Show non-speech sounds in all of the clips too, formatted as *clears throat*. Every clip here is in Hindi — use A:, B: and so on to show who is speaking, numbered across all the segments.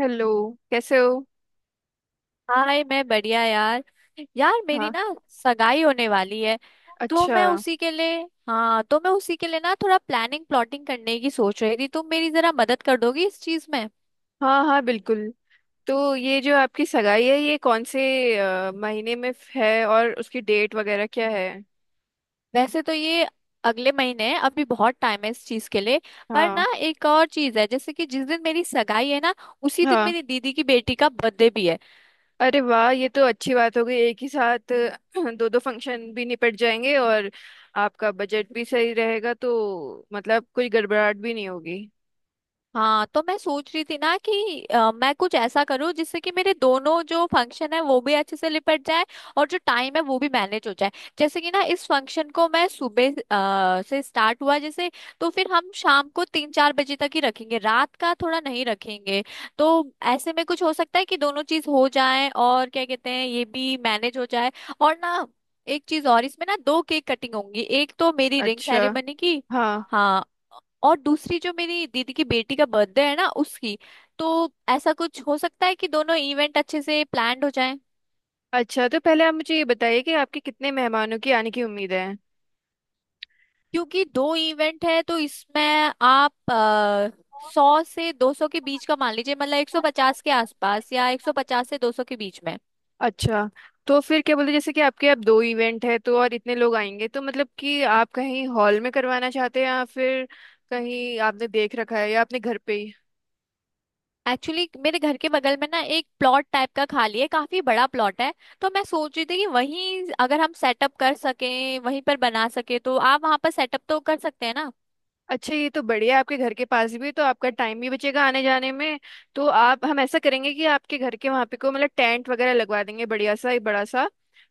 A: हेलो। कैसे हो?
B: हाय मैं बढ़िया यार। यार, मेरी
A: हाँ।
B: ना सगाई होने वाली है। तो
A: अच्छा।
B: मैं उसी के लिए हाँ तो मैं उसी के लिए ना थोड़ा प्लानिंग प्लॉटिंग करने की सोच रही थी। तुम मेरी जरा मदद कर दोगी इस चीज में?
A: हाँ हाँ, बिल्कुल। तो ये जो आपकी सगाई है, ये कौन से महीने में है और उसकी डेट वगैरह क्या है?
B: वैसे तो ये अगले महीने है, अभी बहुत टाइम है इस चीज के लिए। पर
A: हाँ
B: ना एक और चीज है, जैसे कि जिस दिन मेरी सगाई है ना, उसी दिन
A: हाँ।
B: मेरी दीदी की बेटी का बर्थडे भी है।
A: अरे वाह, ये तो अच्छी बात हो गई। एक ही साथ *clears throat* दो दो फंक्शन भी निपट जाएंगे और आपका बजट भी सही रहेगा, तो मतलब कोई गड़बड़ाहट भी नहीं होगी।
B: हाँ, तो मैं सोच रही थी ना कि मैं कुछ ऐसा करूँ जिससे कि मेरे दोनों जो फंक्शन है वो भी अच्छे से निपट जाए और जो टाइम है वो भी मैनेज हो जाए। जैसे कि ना इस फंक्शन को मैं सुबह से स्टार्ट हुआ जैसे, तो फिर हम शाम को 3 4 बजे तक ही रखेंगे, रात का थोड़ा नहीं रखेंगे। तो ऐसे में कुछ हो सकता है कि दोनों चीज हो जाए और क्या कहते हैं, ये भी मैनेज हो जाए। और ना एक चीज और, इसमें ना दो केक कटिंग होंगी। एक तो मेरी रिंग
A: अच्छा।
B: सेरेमनी की।
A: हाँ।
B: हाँ, और दूसरी जो मेरी दीदी की बेटी का बर्थडे है ना, उसकी। तो ऐसा कुछ हो सकता है कि दोनों इवेंट अच्छे से प्लान्ड हो जाएं।
A: अच्छा, तो पहले आप मुझे ये बताइए कि आपके कितने मेहमानों की आने की उम्मीद
B: क्योंकि दो इवेंट है तो इसमें आप 100 से 200 के
A: है।
B: बीच का मान लीजिए, मतलब 150 के आसपास या 150 से 200 के बीच में।
A: अच्छा, तो फिर क्या बोलते हैं, जैसे कि आपके अब दो इवेंट है तो और इतने लोग आएंगे, तो मतलब कि आप कहीं हॉल में करवाना चाहते हैं या फिर कहीं आपने देख रखा है या अपने घर पे ही?
B: एक्चुअली मेरे घर के बगल में ना एक प्लॉट टाइप का खाली है, काफी बड़ा प्लॉट है। तो मैं सोच रही थी कि वहीं अगर हम सेटअप कर सकें, वहीं पर बना सके तो आप वहां पर सेटअप तो कर सकते हैं ना?
A: अच्छा, ये तो बढ़िया है। आपके घर के पास भी, तो आपका टाइम भी बचेगा आने जाने में। तो आप हम ऐसा करेंगे कि आपके घर के वहाँ पे को मतलब टेंट वगैरह लगवा देंगे बढ़िया सा एक बड़ा सा,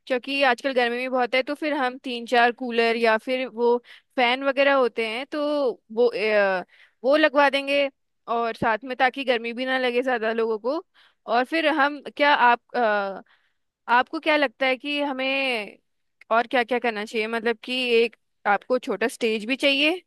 A: क्योंकि आजकल गर्मी भी बहुत है, तो फिर हम तीन चार कूलर या फिर वो फैन वगैरह होते हैं, तो वो लगवा देंगे, और साथ में ताकि गर्मी भी ना लगे ज्यादा लोगों को। और फिर हम क्या आप अ, आपको क्या लगता है कि हमें और क्या क्या करना चाहिए? मतलब कि एक आपको छोटा स्टेज भी चाहिए।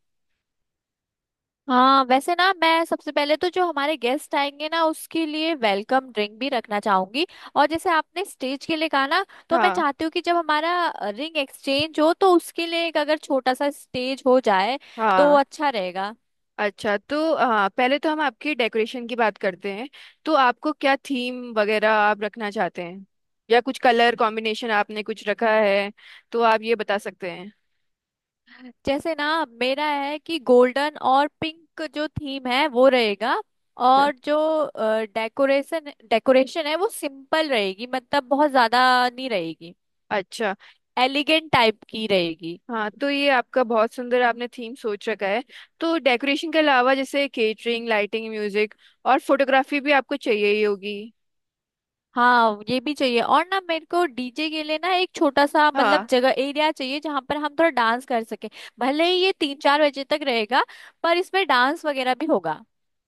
B: हाँ, वैसे ना मैं सबसे पहले तो जो हमारे गेस्ट आएंगे ना, उसके लिए वेलकम ड्रिंक भी रखना चाहूंगी। और जैसे आपने स्टेज के लिए कहा ना, तो मैं
A: हाँ
B: चाहती हूँ कि जब हमारा रिंग एक्सचेंज हो तो उसके लिए एक अगर छोटा सा स्टेज हो जाए तो
A: हाँ।
B: अच्छा रहेगा।
A: अच्छा, तो हाँ, पहले तो हम आपकी डेकोरेशन की बात करते हैं। तो आपको क्या थीम वगैरह आप रखना चाहते हैं या कुछ कलर कॉम्बिनेशन आपने कुछ रखा है, तो आप ये बता सकते हैं।
B: जैसे ना मेरा है कि गोल्डन और पिंक जो थीम है वो रहेगा।
A: अच्छा।
B: और जो डेकोरेशन डेकोरेशन है वो सिंपल रहेगी, मतलब बहुत ज्यादा नहीं रहेगी,
A: अच्छा।
B: एलिगेंट टाइप की रहेगी।
A: हाँ, तो ये आपका बहुत सुंदर आपने थीम सोच रखा है। तो डेकोरेशन के अलावा जैसे केटरिंग, लाइटिंग, म्यूजिक और फोटोग्राफी भी आपको चाहिए ही होगी।
B: हाँ, ये भी चाहिए। और ना मेरे को डीजे के लिए ना एक छोटा सा, मतलब
A: हाँ।
B: जगह, एरिया चाहिए जहाँ पर हम थोड़ा डांस कर सके। भले ही ये 3 4 बजे तक रहेगा, पर इसमें डांस वगैरह भी होगा।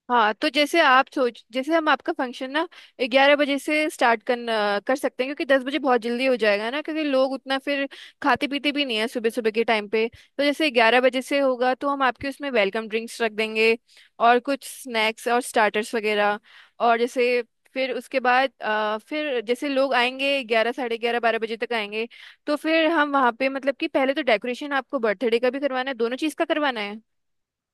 A: हाँ, तो जैसे आप सोच जैसे हम आपका फंक्शन ना 11 बजे से स्टार्ट करना कर सकते हैं, क्योंकि 10 बजे बहुत जल्दी हो जाएगा ना, क्योंकि लोग उतना फिर खाते पीते भी नहीं है सुबह सुबह के टाइम पे। तो जैसे 11 बजे से होगा तो हम आपके उसमें वेलकम ड्रिंक्स रख देंगे, और कुछ स्नैक्स और स्टार्टर्स वगैरह। और जैसे फिर उसके बाद फिर जैसे लोग आएंगे 11, साढ़े 11, 12 बजे तक आएंगे। तो फिर हम वहाँ पे मतलब कि पहले तो डेकोरेशन, आपको बर्थडे का भी करवाना है, दोनों चीज़ का करवाना है।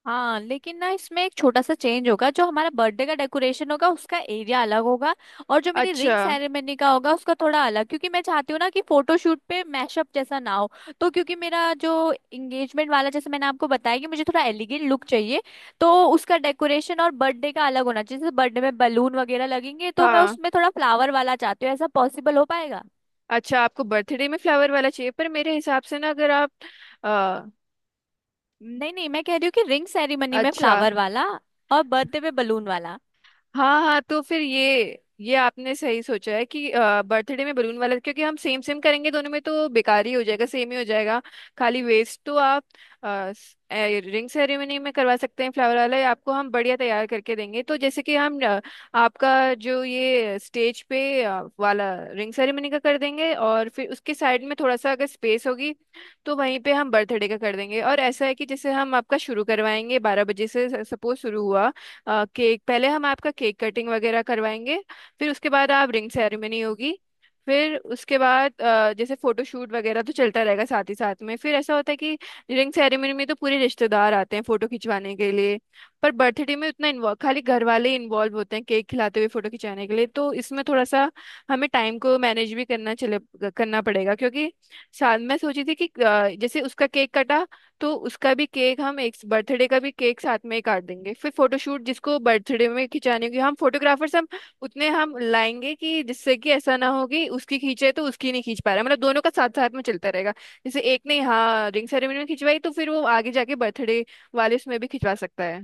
B: हाँ लेकिन ना इसमें एक छोटा सा चेंज होगा, जो हमारा बर्थडे का डेकोरेशन होगा उसका एरिया अलग होगा और जो मेरी
A: अच्छा।
B: रिंग सेरेमनी का होगा उसका थोड़ा अलग। क्योंकि मैं चाहती हूँ ना कि फोटोशूट पे मैशअप जैसा ना हो। तो क्योंकि मेरा जो इंगेजमेंट वाला, जैसे मैंने आपको बताया कि मुझे थोड़ा एलिगेंट लुक चाहिए, तो उसका डेकोरेशन और बर्थडे का अलग होना चाहिए। जैसे बर्थडे में बलून वगैरह लगेंगे, तो मैं
A: हाँ।
B: उसमें थोड़ा फ्लावर वाला चाहती हूँ, ऐसा पॉसिबल हो पाएगा?
A: अच्छा, आपको बर्थडे में फ्लावर वाला चाहिए? पर मेरे हिसाब से ना, अगर आप अ,
B: नहीं नहीं, मैं कह रही हूँ कि रिंग सेरेमनी में
A: अच्छा।
B: फ्लावर वाला और बर्थडे पे बलून वाला।
A: हाँ हाँ, तो फिर ये आपने सही सोचा है कि बर्थडे में बलून वाला, क्योंकि हम सेम सेम करेंगे दोनों में तो बेकार ही हो जाएगा, सेम ही हो जाएगा, खाली वेस्ट। तो आप रिंग सेरेमनी में करवा सकते हैं फ्लावर वाला, या आपको हम बढ़िया तैयार करके देंगे। तो जैसे कि आपका जो ये स्टेज पे वाला रिंग सेरेमनी का कर देंगे, और फिर उसके साइड में थोड़ा सा अगर स्पेस होगी तो वहीं पे हम बर्थडे का कर देंगे। और ऐसा है कि जैसे हम आपका शुरू करवाएंगे 12 बजे से सपोज शुरू हुआ। केक, पहले हम आपका केक कटिंग वगैरह करवाएंगे। फिर उसके बाद आप रिंग सेरेमनी होगी। फिर उसके बाद जैसे फोटोशूट वगैरह तो चलता रहेगा साथ ही साथ में। फिर ऐसा होता है कि रिंग सेरेमनी में तो पूरे रिश्तेदार आते हैं फोटो खिंचवाने के लिए, पर बर्थडे में उतना इन्वॉल्व खाली घर वाले ही इन्वॉल्व होते हैं केक खिलाते हुए फोटो खिंचाने के लिए। तो इसमें थोड़ा सा हमें टाइम को मैनेज भी करना पड़ेगा, क्योंकि साथ मैं सोची थी कि जैसे उसका केक कटा, तो उसका भी केक, हम एक बर्थडे का भी केक साथ में ही काट देंगे। फिर फोटोशूट, जिसको बर्थडे में खिंचाने होगी, हम फोटोग्राफर्स हम उतने हम लाएंगे कि जिससे कि ऐसा ना हो कि उसकी खींचे तो उसकी नहीं खींच पा रहा, मतलब दोनों का साथ साथ में चलता रहेगा। जैसे एक ने हाँ रिंग सेरेमनी में खिंचवाई, तो फिर वो आगे जाके बर्थडे वाले उसमें भी खिंचवा सकता है।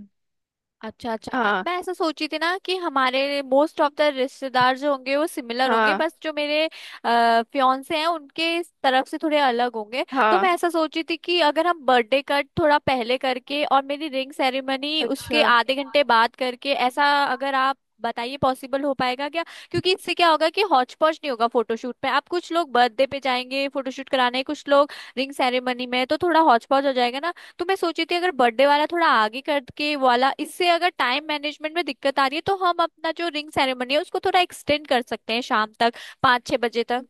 B: अच्छा अच्छा,
A: हाँ
B: मैं ऐसा सोची थी ना कि हमारे मोस्ट ऑफ द रिश्तेदार जो होंगे वो सिमिलर होंगे,
A: हाँ
B: बस जो मेरे फियांसे हैं उनके इस तरफ से थोड़े अलग होंगे। तो
A: हाँ।
B: मैं ऐसा सोची थी कि अगर हम बर्थडे कट थोड़ा पहले करके और मेरी रिंग सेरेमनी
A: अच्छा
B: उसके आधे घंटे बाद करके, ऐसा अगर आप बताइए पॉसिबल हो पाएगा क्या? क्योंकि इससे क्या होगा कि हौच पौच नहीं होगा। फोटोशूट पे आप, कुछ लोग बर्थडे पे जाएंगे फोटोशूट कराने, कुछ लोग रिंग सेरेमनी में, तो थोड़ा हौच पौच हो जाएगा ना। तो मैं सोची थी अगर बर्थडे वाला थोड़ा आगे करके वाला, इससे अगर टाइम मैनेजमेंट में दिक्कत आ रही है तो हम अपना जो रिंग सेरेमनी है उसको थोड़ा एक्सटेंड कर सकते हैं शाम तक, 5 6 बजे तक।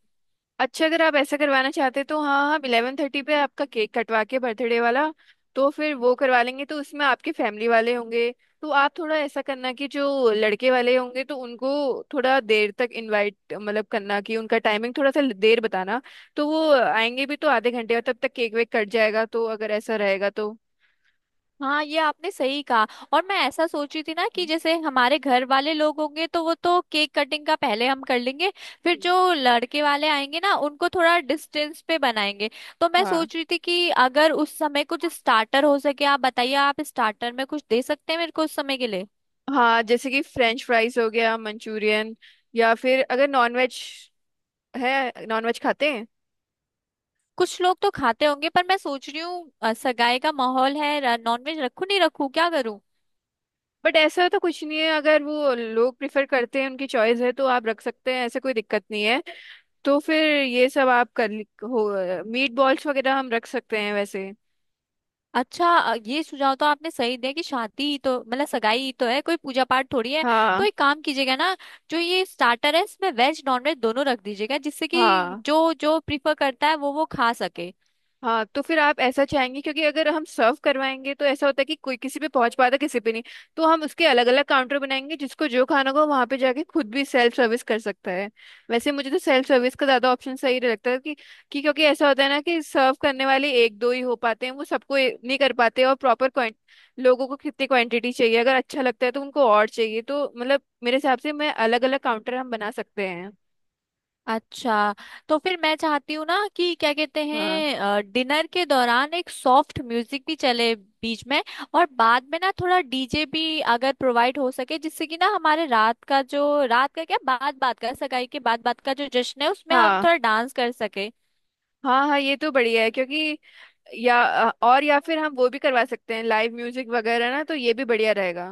A: अच्छा, अगर आप ऐसा करवाना चाहते तो हाँ, हम 11:30 पे आपका केक कटवा के बर्थडे वाला तो फिर वो करवा लेंगे, तो उसमें आपके फैमिली वाले होंगे। तो आप थोड़ा ऐसा करना कि जो लड़के वाले होंगे तो उनको थोड़ा देर तक इनवाइट मतलब करना कि उनका टाइमिंग थोड़ा सा देर बताना। तो वो आएंगे भी तो आधे घंटे, और तब तक केक वेक कट जाएगा, तो अगर ऐसा रहेगा तो।
B: हाँ, ये आपने सही कहा। और मैं ऐसा सोची थी ना कि जैसे हमारे घर वाले लोग होंगे तो वो तो केक कटिंग का पहले हम कर लेंगे। फिर
A: हम्म।
B: जो लड़के वाले आएंगे ना उनको थोड़ा डिस्टेंस पे बनाएंगे। तो मैं
A: हाँ।
B: सोच रही थी कि अगर उस समय कुछ स्टार्टर हो सके, आप बताइए आप स्टार्टर में कुछ दे सकते हैं मेरे को उस समय के लिए?
A: हाँ, जैसे कि फ्रेंच फ्राइज हो गया, मंचूरियन, या फिर अगर नॉन वेज है, नॉन वेज खाते हैं?
B: कुछ लोग तो खाते होंगे, पर मैं सोच रही हूँ सगाई का माहौल है, नॉनवेज रखूं नहीं रखूं क्या करूं।
A: बट ऐसा तो कुछ नहीं है, अगर वो लोग प्रिफर करते हैं, उनकी चॉइस है तो आप रख सकते हैं, ऐसे कोई दिक्कत नहीं है। तो फिर ये सब आप कर ली- हो। मीट बॉल्स वगैरह हम रख सकते हैं वैसे।
B: अच्छा, ये सुझाव तो आपने सही दिया कि शादी ही तो, मतलब सगाई ही तो है, कोई पूजा पाठ थोड़ी है। तो
A: हाँ
B: एक काम कीजिएगा ना, जो ये स्टार्टर है इसमें वेज नॉनवेज दोनों रख दीजिएगा, जिससे कि
A: हाँ
B: जो जो प्रीफर करता है वो खा सके।
A: हाँ, तो फिर आप ऐसा चाहेंगे? क्योंकि अगर हम सर्व करवाएंगे तो ऐसा होता है कि कोई किसी पे पहुंच पाता किसी पे नहीं। तो हम उसके अलग अलग काउंटर बनाएंगे, जिसको जो खाना हो वहां पे जाके खुद भी सेल्फ सर्विस कर सकता है। वैसे मुझे तो सेल्फ सर्विस का ज्यादा ऑप्शन सही लगता है, कि क्योंकि ऐसा होता है ना कि सर्व करने वाले एक दो ही हो पाते हैं, वो सबको ए- नहीं कर पाते, और प्रॉपर क्वांट, लोगों को कितनी क्वांटिटी चाहिए अगर अच्छा लगता है तो उनको और चाहिए, तो मतलब मेरे हिसाब से मैं अलग अलग काउंटर हम बना सकते हैं।
B: अच्छा, तो फिर मैं चाहती हूँ ना कि क्या कहते
A: हाँ।
B: हैं, डिनर के दौरान एक सॉफ्ट म्यूजिक भी चले बीच में। और बाद में ना थोड़ा डीजे भी अगर प्रोवाइड हो सके, जिससे कि ना हमारे रात का जो रात का क्या बात बात का सगाई के बाद बात का जो जश्न है उसमें हम
A: हाँ
B: थोड़ा डांस कर सके।
A: हाँ हाँ, ये तो बढ़िया है, क्योंकि या या फिर हम वो भी करवा सकते हैं लाइव म्यूजिक वगैरह ना, तो ये भी बढ़िया रहेगा।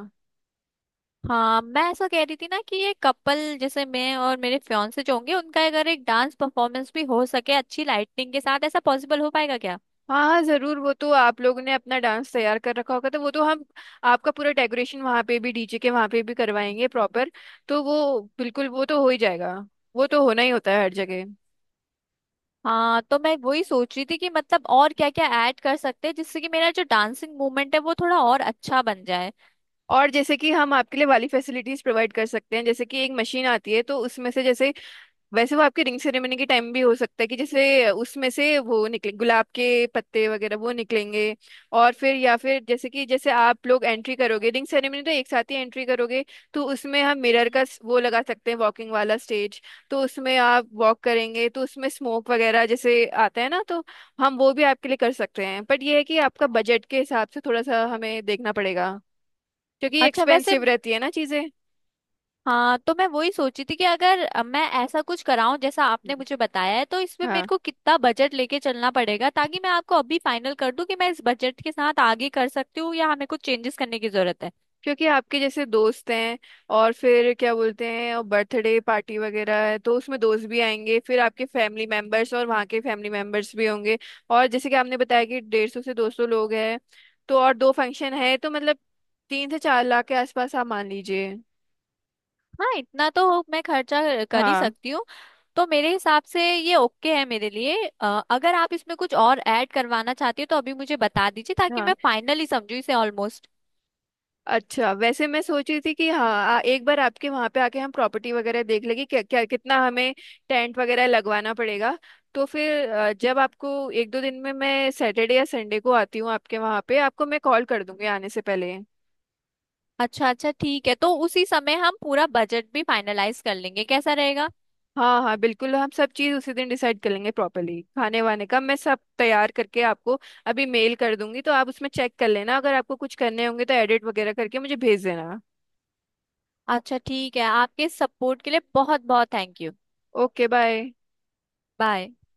B: हाँ मैं ऐसा कह रही थी ना कि ये कपल, जैसे मैं और मेरे फियांसे जो होंगे, उनका अगर एक डांस परफॉर्मेंस भी हो सके अच्छी लाइटिंग के साथ, ऐसा पॉसिबल हो पाएगा क्या?
A: हाँ हाँ जरूर, वो तो आप लोगों ने अपना डांस तैयार कर रखा होगा, तो वो तो हम आपका पूरा डेकोरेशन वहाँ पे भी, डीजे के वहाँ पे भी करवाएंगे प्रॉपर। तो वो बिल्कुल, वो तो हो ही जाएगा, वो तो होना ही होता है हर जगह।
B: हाँ, तो मैं वही सोच रही थी कि मतलब और क्या क्या ऐड कर सकते हैं जिससे कि मेरा जो डांसिंग मूवमेंट है वो थोड़ा और अच्छा बन जाए।
A: और जैसे कि हम आपके लिए वाली फैसिलिटीज प्रोवाइड कर सकते हैं, जैसे कि एक मशीन आती है तो उसमें से जैसे, वैसे वो आपके रिंग सेरेमनी के टाइम भी हो सकता है कि जैसे उसमें से वो निकले, गुलाब के पत्ते वगैरह वो निकलेंगे। और फिर या फिर जैसे आप लोग एंट्री करोगे रिंग सेरेमनी तो एक साथ ही एंट्री करोगे, तो उसमें हम मिरर का वो लगा सकते हैं, वॉकिंग वाला स्टेज, तो उसमें आप वॉक करेंगे तो उसमें स्मोक वगैरह जैसे आता है ना, तो हम वो भी आपके लिए कर सकते हैं, बट ये है कि आपका बजट के हिसाब से थोड़ा सा हमें देखना पड़ेगा, क्योंकि
B: अच्छा वैसे,
A: एक्सपेंसिव रहती है ना चीज़ें।
B: हाँ, तो मैं वही सोची थी कि अगर मैं ऐसा कुछ कराऊं जैसा आपने मुझे बताया है, तो इसमें मेरे
A: हाँ,
B: को कितना बजट लेके चलना पड़ेगा, ताकि मैं आपको अभी फाइनल कर दूं कि मैं इस बजट के साथ आगे कर सकती हूँ या हमें कुछ चेंजेस करने की जरूरत है।
A: क्योंकि आपके जैसे दोस्त हैं और फिर क्या बोलते हैं और बर्थडे पार्टी वगैरह है तो उसमें दोस्त भी आएंगे, फिर आपके फैमिली मेंबर्स और वहाँ के फैमिली मेंबर्स भी होंगे। और जैसे कि आपने बताया कि 150 से 200 लोग हैं, तो और दो फंक्शन है, तो मतलब 3 से 4 लाख के आसपास आप मान लीजिए।
B: हाँ, इतना तो मैं खर्चा कर ही
A: हाँ
B: सकती हूँ। तो मेरे हिसाब से ये ओके है मेरे लिए। अ, अगर आप इसमें कुछ और ऐड करवाना चाहती हो तो अभी मुझे बता दीजिए, ताकि
A: हाँ।
B: मैं फाइनली समझू इसे ऑलमोस्ट।
A: अच्छा, वैसे मैं सोच रही थी कि हाँ, एक बार आपके वहां पे आके हम प्रॉपर्टी वगैरह देख लेंगे, क्या क्या कितना हमें टेंट वगैरह लगवाना पड़ेगा। तो फिर जब आपको एक दो दिन में, मैं सैटरडे या संडे को आती हूँ आपके वहां पे, आपको मैं कॉल कर दूंगी आने से पहले।
B: अच्छा अच्छा, ठीक है, तो उसी समय हम पूरा बजट भी फाइनलाइज कर लेंगे, कैसा रहेगा?
A: हाँ हाँ बिल्कुल, हम सब चीज़ उसी दिन डिसाइड कर लेंगे प्रॉपरली, खाने वाने का मैं सब तैयार करके आपको अभी मेल कर दूंगी, तो आप उसमें चेक कर लेना, अगर आपको कुछ करने होंगे तो एडिट वगैरह करके मुझे भेज देना।
B: अच्छा ठीक है, आपके सपोर्ट के लिए बहुत बहुत thank you.
A: Okay bye.
B: Bye.